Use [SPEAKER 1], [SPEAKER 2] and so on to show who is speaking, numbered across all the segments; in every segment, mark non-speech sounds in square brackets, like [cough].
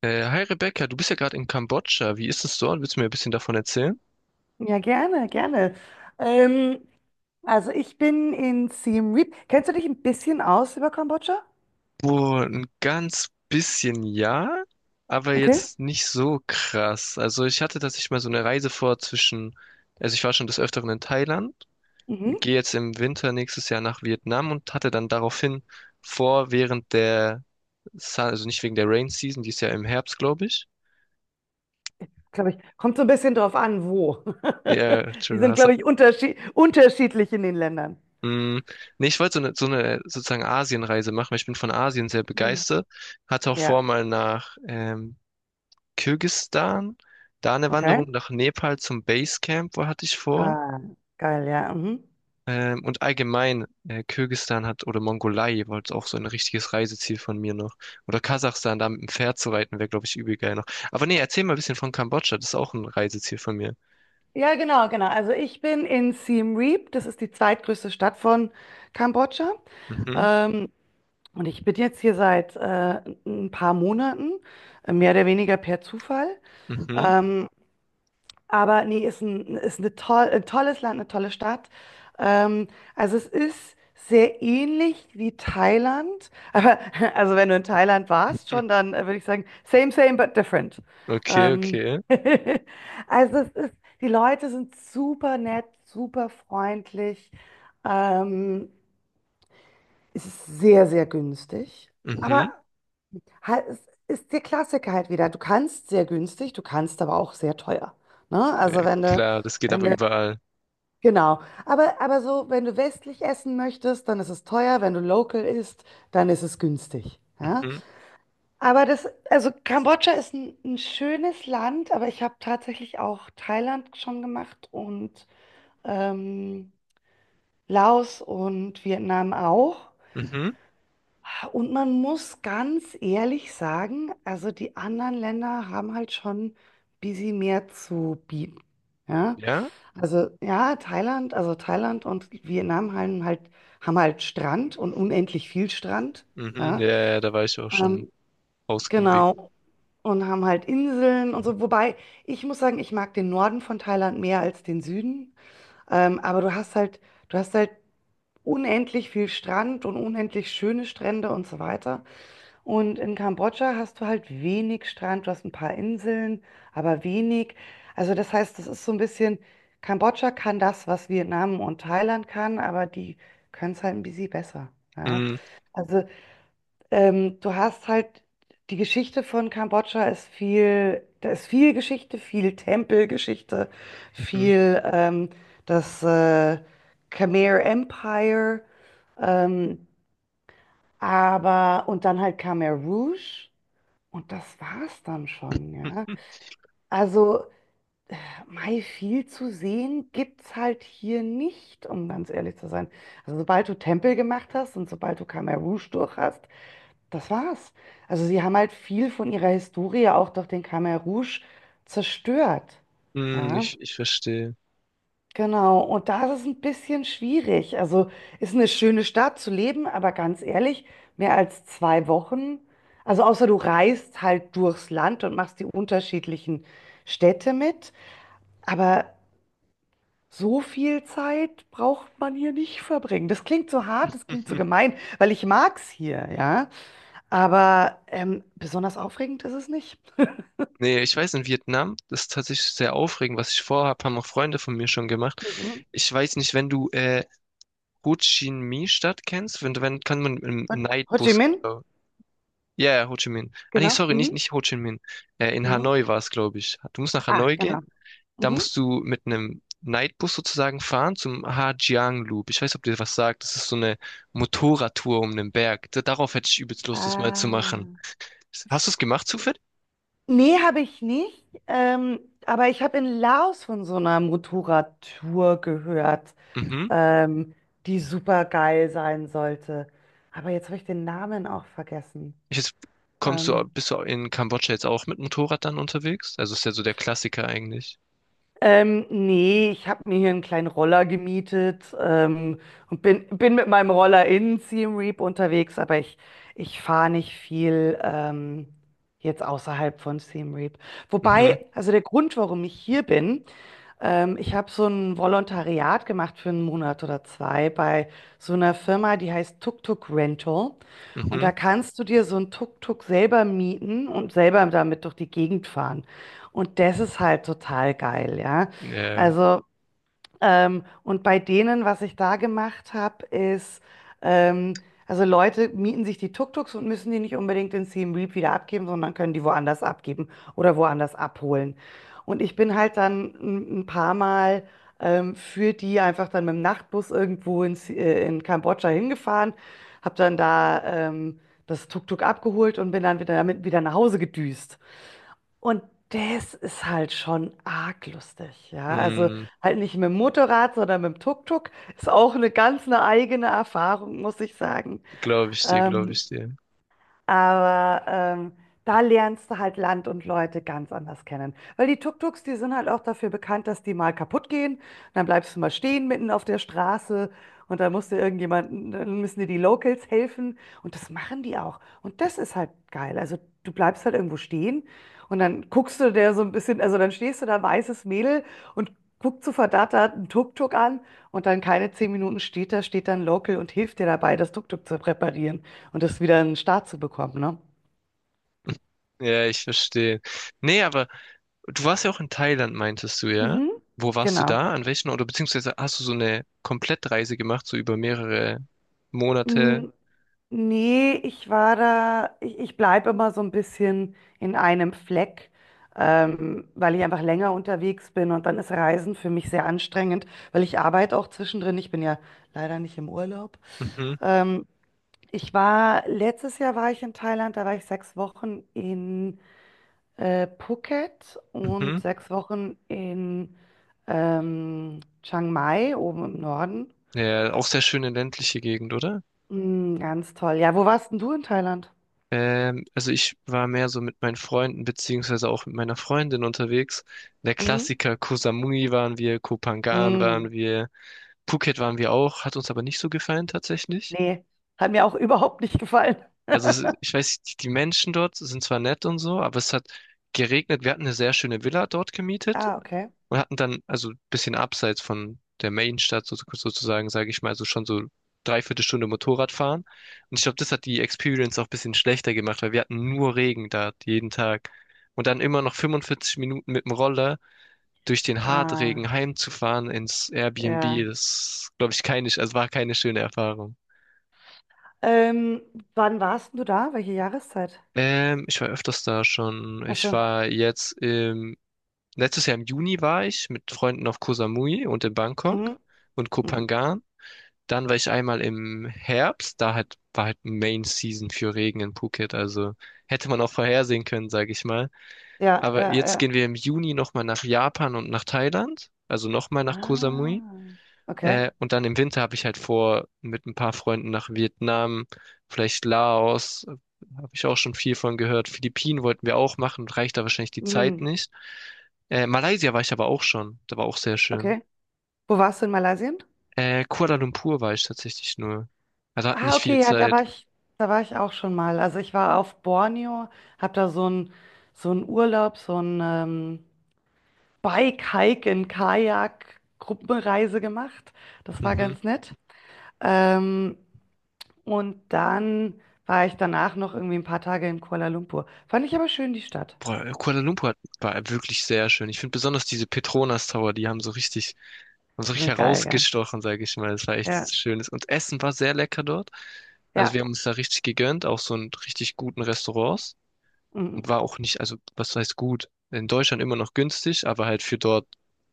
[SPEAKER 1] Hi Rebecca, du bist ja gerade in Kambodscha. Wie ist es dort? Willst du mir ein bisschen davon erzählen?
[SPEAKER 2] Ja, gerne, gerne. Ähm, also ich bin in Siem Reap. Kennst du dich ein bisschen aus über Kambodscha?
[SPEAKER 1] Boah, ein ganz bisschen ja, aber
[SPEAKER 2] Okay.
[SPEAKER 1] jetzt nicht so krass. Also ich hatte tatsächlich mal so eine Reise vor zwischen, also ich war schon des Öfteren in Thailand,
[SPEAKER 2] Mhm.
[SPEAKER 1] gehe jetzt im Winter nächstes Jahr nach Vietnam und hatte dann daraufhin vor, während der, also nicht wegen der Rain Season, die ist ja im Herbst, glaube ich.
[SPEAKER 2] Glaube ich. Kommt so ein bisschen drauf an, wo.
[SPEAKER 1] Ja,
[SPEAKER 2] [laughs] Die
[SPEAKER 1] Entschuldigung,
[SPEAKER 2] sind,
[SPEAKER 1] hast
[SPEAKER 2] glaube ich, unterschiedlich in den Ländern.
[SPEAKER 1] Mm, nee, ich wollte so eine sozusagen Asienreise machen, weil ich bin von Asien sehr
[SPEAKER 2] Hm.
[SPEAKER 1] begeistert. Hatte auch vor,
[SPEAKER 2] Ja,
[SPEAKER 1] mal nach Kirgisistan, da eine
[SPEAKER 2] okay.
[SPEAKER 1] Wanderung, nach Nepal zum Basecamp, wo hatte ich vor.
[SPEAKER 2] Ah, geil, ja. Mhm.
[SPEAKER 1] Und allgemein, Kirgisistan hat, oder Mongolei war jetzt auch so ein richtiges Reiseziel von mir noch. Oder Kasachstan, da mit dem Pferd zu reiten, wäre, glaube ich, übel geil noch. Aber nee, erzähl mal ein bisschen von Kambodscha, das ist auch ein Reiseziel von mir.
[SPEAKER 2] Ja, genau, genau. Also ich bin in Siem Reap. Das ist die zweitgrößte Stadt von Kambodscha.
[SPEAKER 1] Mhm,
[SPEAKER 2] Ähm, und ich bin jetzt hier seit ein paar Monaten, mehr oder weniger per Zufall.
[SPEAKER 1] mhm,
[SPEAKER 2] Ähm, aber nee, ist ein tolles Land, eine tolle Stadt. Ähm, also es ist sehr ähnlich wie Thailand. Aber [laughs] also wenn du in Thailand warst
[SPEAKER 1] mhm.
[SPEAKER 2] schon, dann würde ich sagen, same, same, but different.
[SPEAKER 1] Okay,
[SPEAKER 2] Ähm,
[SPEAKER 1] okay.
[SPEAKER 2] [laughs] also es ist, die Leute sind super nett, super freundlich. Ähm, Es ist sehr, sehr günstig.
[SPEAKER 1] Mhm.
[SPEAKER 2] Aber halt, es ist der Klassiker halt wieder. Du kannst sehr günstig, du kannst aber auch sehr teuer. Ne?
[SPEAKER 1] Ja,
[SPEAKER 2] Also wenn du,
[SPEAKER 1] klar, das geht
[SPEAKER 2] wenn
[SPEAKER 1] aber
[SPEAKER 2] du,
[SPEAKER 1] überall.
[SPEAKER 2] genau. Aber so, wenn du westlich essen möchtest, dann ist es teuer. Wenn du local isst, dann ist es günstig. Ja?
[SPEAKER 1] Mhm,
[SPEAKER 2] Aber das, also Kambodscha ist ein schönes Land, aber ich habe tatsächlich auch Thailand schon gemacht und ähm, Laos und Vietnam auch.
[SPEAKER 1] mhm.
[SPEAKER 2] Und man muss ganz ehrlich sagen, also die anderen Länder haben halt schon ein bisschen mehr zu bieten. Ja,
[SPEAKER 1] Ja?
[SPEAKER 2] also ja, Thailand, also Thailand und Vietnam haben halt Strand und unendlich viel Strand.
[SPEAKER 1] Mhm.
[SPEAKER 2] Ja,
[SPEAKER 1] Ja, ja, ja, da war ich auch schon
[SPEAKER 2] ähm,
[SPEAKER 1] ausgiebig.
[SPEAKER 2] genau. Und haben halt Inseln und so. Wobei, ich muss sagen, ich mag den Norden von Thailand mehr als den Süden. Aber du hast halt unendlich viel Strand und unendlich schöne Strände und so weiter. Und in Kambodscha hast du halt wenig Strand, du hast ein paar Inseln, aber wenig. Also das heißt, das ist so ein bisschen, Kambodscha kann das, was Vietnam und Thailand kann, aber die können es halt ein bisschen besser. Ja.
[SPEAKER 1] Mhm.
[SPEAKER 2] Also du hast halt, die Geschichte von Kambodscha ist viel, da ist viel Geschichte, viel Tempelgeschichte,
[SPEAKER 1] Mhm.
[SPEAKER 2] viel das Khmer Empire, ähm, aber und dann halt Khmer Rouge. Und das war's dann schon, ja.
[SPEAKER 1] [laughs]
[SPEAKER 2] Also, Mai, viel zu sehen gibt's halt hier nicht, um ganz ehrlich zu sein. Also, sobald du Tempel gemacht hast und sobald du Khmer Rouge durch hast, das war's. Also, sie haben halt viel von ihrer Historie auch durch den Khmer Rouge zerstört,
[SPEAKER 1] Mhm.
[SPEAKER 2] ja.
[SPEAKER 1] Ich verstehe.
[SPEAKER 2] Genau, und da ist es ein bisschen schwierig. Also ist eine schöne Stadt zu leben, aber ganz ehrlich, mehr als 2 Wochen. Also außer du reist halt durchs Land und machst die unterschiedlichen Städte mit. Aber so viel Zeit braucht man hier nicht verbringen. Das klingt so hart, das
[SPEAKER 1] [laughs]
[SPEAKER 2] klingt so
[SPEAKER 1] Mhm.
[SPEAKER 2] gemein, weil ich mag's hier, ja. Aber besonders aufregend ist es nicht. [laughs]
[SPEAKER 1] Nee, ich weiß, in Vietnam, das ist tatsächlich sehr aufregend, was ich vorhab, haben auch Freunde von mir schon gemacht.
[SPEAKER 2] Mhm.
[SPEAKER 1] Ich weiß nicht, wenn du Ho Chi Minh-Stadt kennst, wenn kann man im
[SPEAKER 2] Ho Ho Chi
[SPEAKER 1] Nightbus,
[SPEAKER 2] Minh?
[SPEAKER 1] glaub- ja, ja, Ho Chi Minh. Ah nee,
[SPEAKER 2] Genau.
[SPEAKER 1] sorry, nicht,
[SPEAKER 2] Mhm.
[SPEAKER 1] nicht Ho Chi Minh. In
[SPEAKER 2] Mhm.
[SPEAKER 1] Hanoi war es, glaube ich. Du musst nach
[SPEAKER 2] Ah,
[SPEAKER 1] Hanoi
[SPEAKER 2] genau.
[SPEAKER 1] gehen. Da
[SPEAKER 2] Mhm.
[SPEAKER 1] musst du mit einem Nightbus sozusagen fahren zum Hajiang Loop. Ich weiß, ob dir was sagt. Das ist so eine Motorradtour um den Berg. Da- Darauf hätte ich übelst Lust, das mal zu
[SPEAKER 2] Ah.
[SPEAKER 1] machen. Hast du es gemacht zufällig?
[SPEAKER 2] Nee, habe ich nicht. Aber ich habe in Laos von so einer Motorradtour gehört,
[SPEAKER 1] Mhm.
[SPEAKER 2] ähm, die super geil sein sollte. Aber jetzt habe ich den Namen auch vergessen.
[SPEAKER 1] Ich jetzt, kommst
[SPEAKER 2] Ähm,
[SPEAKER 1] du, bist du in Kambodscha jetzt auch mit Motorrad dann unterwegs? Also ist ja so der Klassiker eigentlich.
[SPEAKER 2] Nee, ich habe mir hier einen kleinen Roller gemietet, und bin mit meinem Roller in Siem Reap unterwegs, aber ich fahre nicht viel, jetzt außerhalb von Siem Reap.
[SPEAKER 1] Mhm,
[SPEAKER 2] Wobei, also der Grund, warum ich hier bin: Ich habe so ein Volontariat gemacht für einen Monat oder zwei bei so einer Firma, die heißt Tuk Tuk Rental. Und
[SPEAKER 1] mhm.
[SPEAKER 2] da kannst du dir so ein Tuk-Tuk selber mieten und selber damit durch die Gegend fahren. Und das ist halt total geil, ja.
[SPEAKER 1] Ja,
[SPEAKER 2] Also und bei denen, was ich da gemacht habe, ist, ähm, also Leute mieten sich die Tuk-Tuks und müssen die nicht unbedingt in Siem Reap wieder abgeben, sondern können die woanders abgeben oder woanders abholen. Und ich bin halt dann ein paar Mal, für die einfach dann mit dem Nachtbus irgendwo in Kambodscha hingefahren, habe dann da das Tuk-Tuk abgeholt und bin dann wieder damit wieder nach Hause gedüst. Und das ist halt schon arg lustig, ja. Also
[SPEAKER 1] mh,
[SPEAKER 2] halt nicht mit dem Motorrad, sondern mit dem Tuk-Tuk. Ist auch eine ganz eine eigene Erfahrung, muss ich sagen.
[SPEAKER 1] glaube ich dir, glaube
[SPEAKER 2] Ähm,
[SPEAKER 1] ich dir.
[SPEAKER 2] aber da lernst du halt Land und Leute ganz anders kennen. Weil die Tuk-Tuks, die sind halt auch dafür bekannt, dass die mal kaputt gehen. Und dann bleibst du mal stehen mitten auf der Straße und dann musst du irgendjemanden, dann müssen dir die Locals helfen. Und das machen die auch. Und das ist halt geil. Also du bleibst halt irgendwo stehen und dann guckst du der so ein bisschen, also dann stehst du da, weißes Mädel, und guckst so verdattert einen Tuk-Tuk an, und dann keine 10 Minuten, steht da, steht dann Local und hilft dir dabei, das Tuk-Tuk zu reparieren und das wieder in den Start zu bekommen, ne?
[SPEAKER 1] Ja, ich verstehe. Nee, aber du warst ja auch in Thailand, meintest du, ja?
[SPEAKER 2] Mhm.
[SPEAKER 1] Wo warst du
[SPEAKER 2] Genau.
[SPEAKER 1] da? An welchen oder beziehungsweise hast du so eine Komplettreise gemacht, so über mehrere Monate?
[SPEAKER 2] Mm, nee, ich war da, ich bleibe immer so ein bisschen in einem Fleck, weil ich einfach länger unterwegs bin und dann ist Reisen für mich sehr anstrengend, weil ich arbeite auch zwischendrin. Ich bin ja leider nicht im Urlaub.
[SPEAKER 1] Mhm,
[SPEAKER 2] Ähm, Ich war, letztes Jahr war ich in Thailand, da war ich 6 Wochen in Phuket und
[SPEAKER 1] mhm.
[SPEAKER 2] 6 Wochen in Chiang Mai, oben im Norden.
[SPEAKER 1] Ja, auch sehr schöne ländliche Gegend, oder?
[SPEAKER 2] Mm, ganz toll. Ja, wo warst denn du in Thailand?
[SPEAKER 1] Also ich war mehr so mit meinen Freunden beziehungsweise auch mit meiner Freundin unterwegs. Der
[SPEAKER 2] Mhm.
[SPEAKER 1] Klassiker Koh Samui waren wir, Koh Phangan waren
[SPEAKER 2] Mm,
[SPEAKER 1] wir, Phuket waren wir auch, hat uns aber nicht so gefallen tatsächlich.
[SPEAKER 2] nee, hat mir auch [laughs] überhaupt nicht gefallen.
[SPEAKER 1] Also es ist- ich weiß, die Menschen dort sind zwar nett und so, aber es hat geregnet. Wir hatten eine sehr schöne Villa dort gemietet
[SPEAKER 2] Ah, okay.
[SPEAKER 1] und hatten dann, also ein bisschen abseits von der Mainstadt so- sozusagen, sage ich mal, so schon so dreiviertel Stunde Motorrad fahren. Und ich glaube, das hat die Experience auch ein bisschen schlechter gemacht, weil wir hatten nur Regen da jeden Tag. Und dann immer noch 45 Minuten mit dem Roller durch den
[SPEAKER 2] Ah,
[SPEAKER 1] Hartregen heimzufahren ins Airbnb,
[SPEAKER 2] ja.
[SPEAKER 1] das glaube ich keine, also war keine schöne Erfahrung.
[SPEAKER 2] Ähm, Wann warst denn du da? Welche Jahreszeit?
[SPEAKER 1] Ich war öfters da schon.
[SPEAKER 2] Ach
[SPEAKER 1] Ich
[SPEAKER 2] so.
[SPEAKER 1] war jetzt im, letztes Jahr im Juni war ich mit Freunden auf Koh Samui und in Bangkok
[SPEAKER 2] Mhm.
[SPEAKER 1] und Koh
[SPEAKER 2] Mhm.
[SPEAKER 1] Phangan. Dann war ich einmal im Herbst, da halt, war halt Main Season für Regen in Phuket, also hätte man auch vorhersehen können, sage ich mal.
[SPEAKER 2] Ja,
[SPEAKER 1] Aber
[SPEAKER 2] ja,
[SPEAKER 1] jetzt
[SPEAKER 2] ja.
[SPEAKER 1] gehen wir im Juni nochmal nach Japan und nach Thailand, also nochmal nach Koh Samui.
[SPEAKER 2] Ah, okay.
[SPEAKER 1] Und dann im Winter habe ich halt vor, mit ein paar Freunden nach Vietnam, vielleicht Laos, habe ich auch schon viel von gehört. Philippinen wollten wir auch machen, reicht da wahrscheinlich die Zeit
[SPEAKER 2] Mhm.
[SPEAKER 1] nicht. Malaysia war ich aber auch schon, da war auch sehr schön.
[SPEAKER 2] Okay. Wo warst du in Malaysia?
[SPEAKER 1] Kuala Lumpur war ich tatsächlich nur. Also hat
[SPEAKER 2] Ah,
[SPEAKER 1] nicht viel
[SPEAKER 2] okay, ja, da war
[SPEAKER 1] Zeit.
[SPEAKER 2] ich, da war ich auch schon mal. Also ich war auf Borneo, habe da so einen Urlaub, so einen, Bike-Hike in Kajak-Gruppenreise gemacht. Das war
[SPEAKER 1] Mhm.
[SPEAKER 2] ganz nett. Ähm, und dann war ich danach noch irgendwie ein paar Tage in Kuala Lumpur. Fand ich aber schön, die Stadt.
[SPEAKER 1] Boah, Kuala Lumpur hat- war wirklich sehr schön. Ich finde besonders diese Petronas Tower, die haben so
[SPEAKER 2] Die
[SPEAKER 1] richtig
[SPEAKER 2] sind geil, gell?
[SPEAKER 1] herausgestochen, sage ich mal. Das war
[SPEAKER 2] Ja,
[SPEAKER 1] echt schönes. Und Essen war sehr lecker dort. Also
[SPEAKER 2] ja,
[SPEAKER 1] wir haben uns da richtig gegönnt, auch so in richtig guten Restaurants.
[SPEAKER 2] mm,
[SPEAKER 1] Und war auch nicht, also was heißt gut? In Deutschland immer noch günstig, aber halt für dort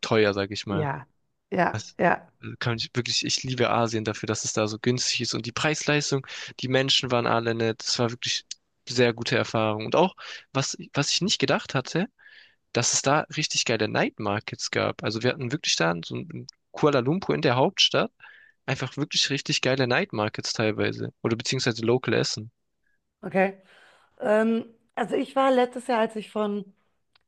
[SPEAKER 1] teuer, sage ich mal.
[SPEAKER 2] ja, ja,
[SPEAKER 1] Das
[SPEAKER 2] ja,
[SPEAKER 1] kann ich wirklich, ich liebe Asien dafür, dass es da so günstig ist und die Preis-Leistung, die Menschen waren alle nett. Das war wirklich sehr gute Erfahrung. Und auch, was ich nicht gedacht hatte, dass es da richtig geile Night Markets gab. Also wir hatten wirklich da so in Kuala Lumpur in der Hauptstadt einfach wirklich richtig geile Night Markets teilweise oder beziehungsweise Local Essen.
[SPEAKER 2] okay. Ähm, also ich war letztes Jahr, als ich von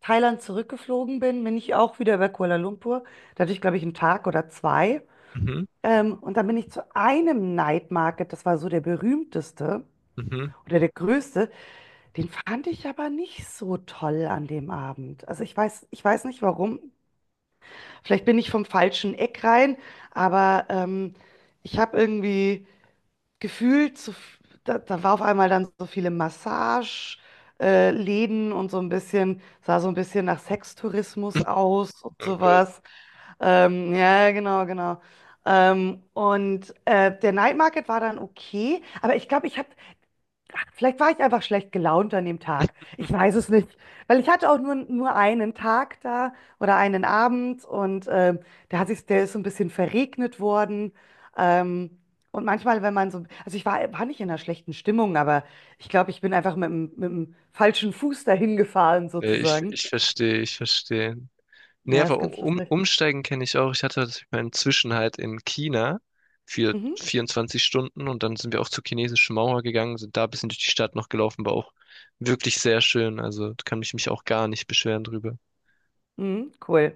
[SPEAKER 2] Thailand zurückgeflogen bin, bin ich auch wieder über Kuala Lumpur. Da hatte ich, glaube ich, einen Tag oder zwei.
[SPEAKER 1] Mhm,
[SPEAKER 2] Und dann bin ich zu einem Night Market, das war so der berühmteste
[SPEAKER 1] mhm.
[SPEAKER 2] oder der größte. Den fand ich aber nicht so toll an dem Abend. Also ich weiß nicht warum. Vielleicht bin ich vom falschen Eck rein, aber ich habe irgendwie gefühlt, so, da war auf einmal dann so viele Massage, Läden, und so ein bisschen, sah so ein bisschen nach Sextourismus
[SPEAKER 1] [laughs]
[SPEAKER 2] aus und
[SPEAKER 1] Oh Gott.
[SPEAKER 2] sowas. Ja, genau, genau. Und der Night Market war dann okay, aber ich glaube, ich habe Vielleicht war ich einfach schlecht gelaunt an dem Tag. Ich weiß es nicht. Weil ich hatte auch nur einen Tag da oder einen Abend und der hat sich, der ist so ein bisschen verregnet worden. Ähm, und manchmal, wenn man so, also ich war nicht in einer schlechten Stimmung, aber ich glaube, ich bin einfach mit dem, falschen Fuß dahin gefahren,
[SPEAKER 1] Nee, ich,
[SPEAKER 2] sozusagen.
[SPEAKER 1] ich verstehe, ich verstehe. Nee,
[SPEAKER 2] Ja, ist
[SPEAKER 1] aber um,
[SPEAKER 2] ganz
[SPEAKER 1] um,
[SPEAKER 2] lustig.
[SPEAKER 1] umsteigen kenne ich auch. Ich hatte das- meinen Zwischenhalt in China für
[SPEAKER 2] Mhm.
[SPEAKER 1] 24 Stunden und dann sind wir auch zur chinesischen Mauer gegangen, sind da ein bisschen durch die Stadt noch gelaufen, war auch wirklich sehr schön. Also da kann ich mich auch gar nicht beschweren drüber.
[SPEAKER 2] Mhm, cool.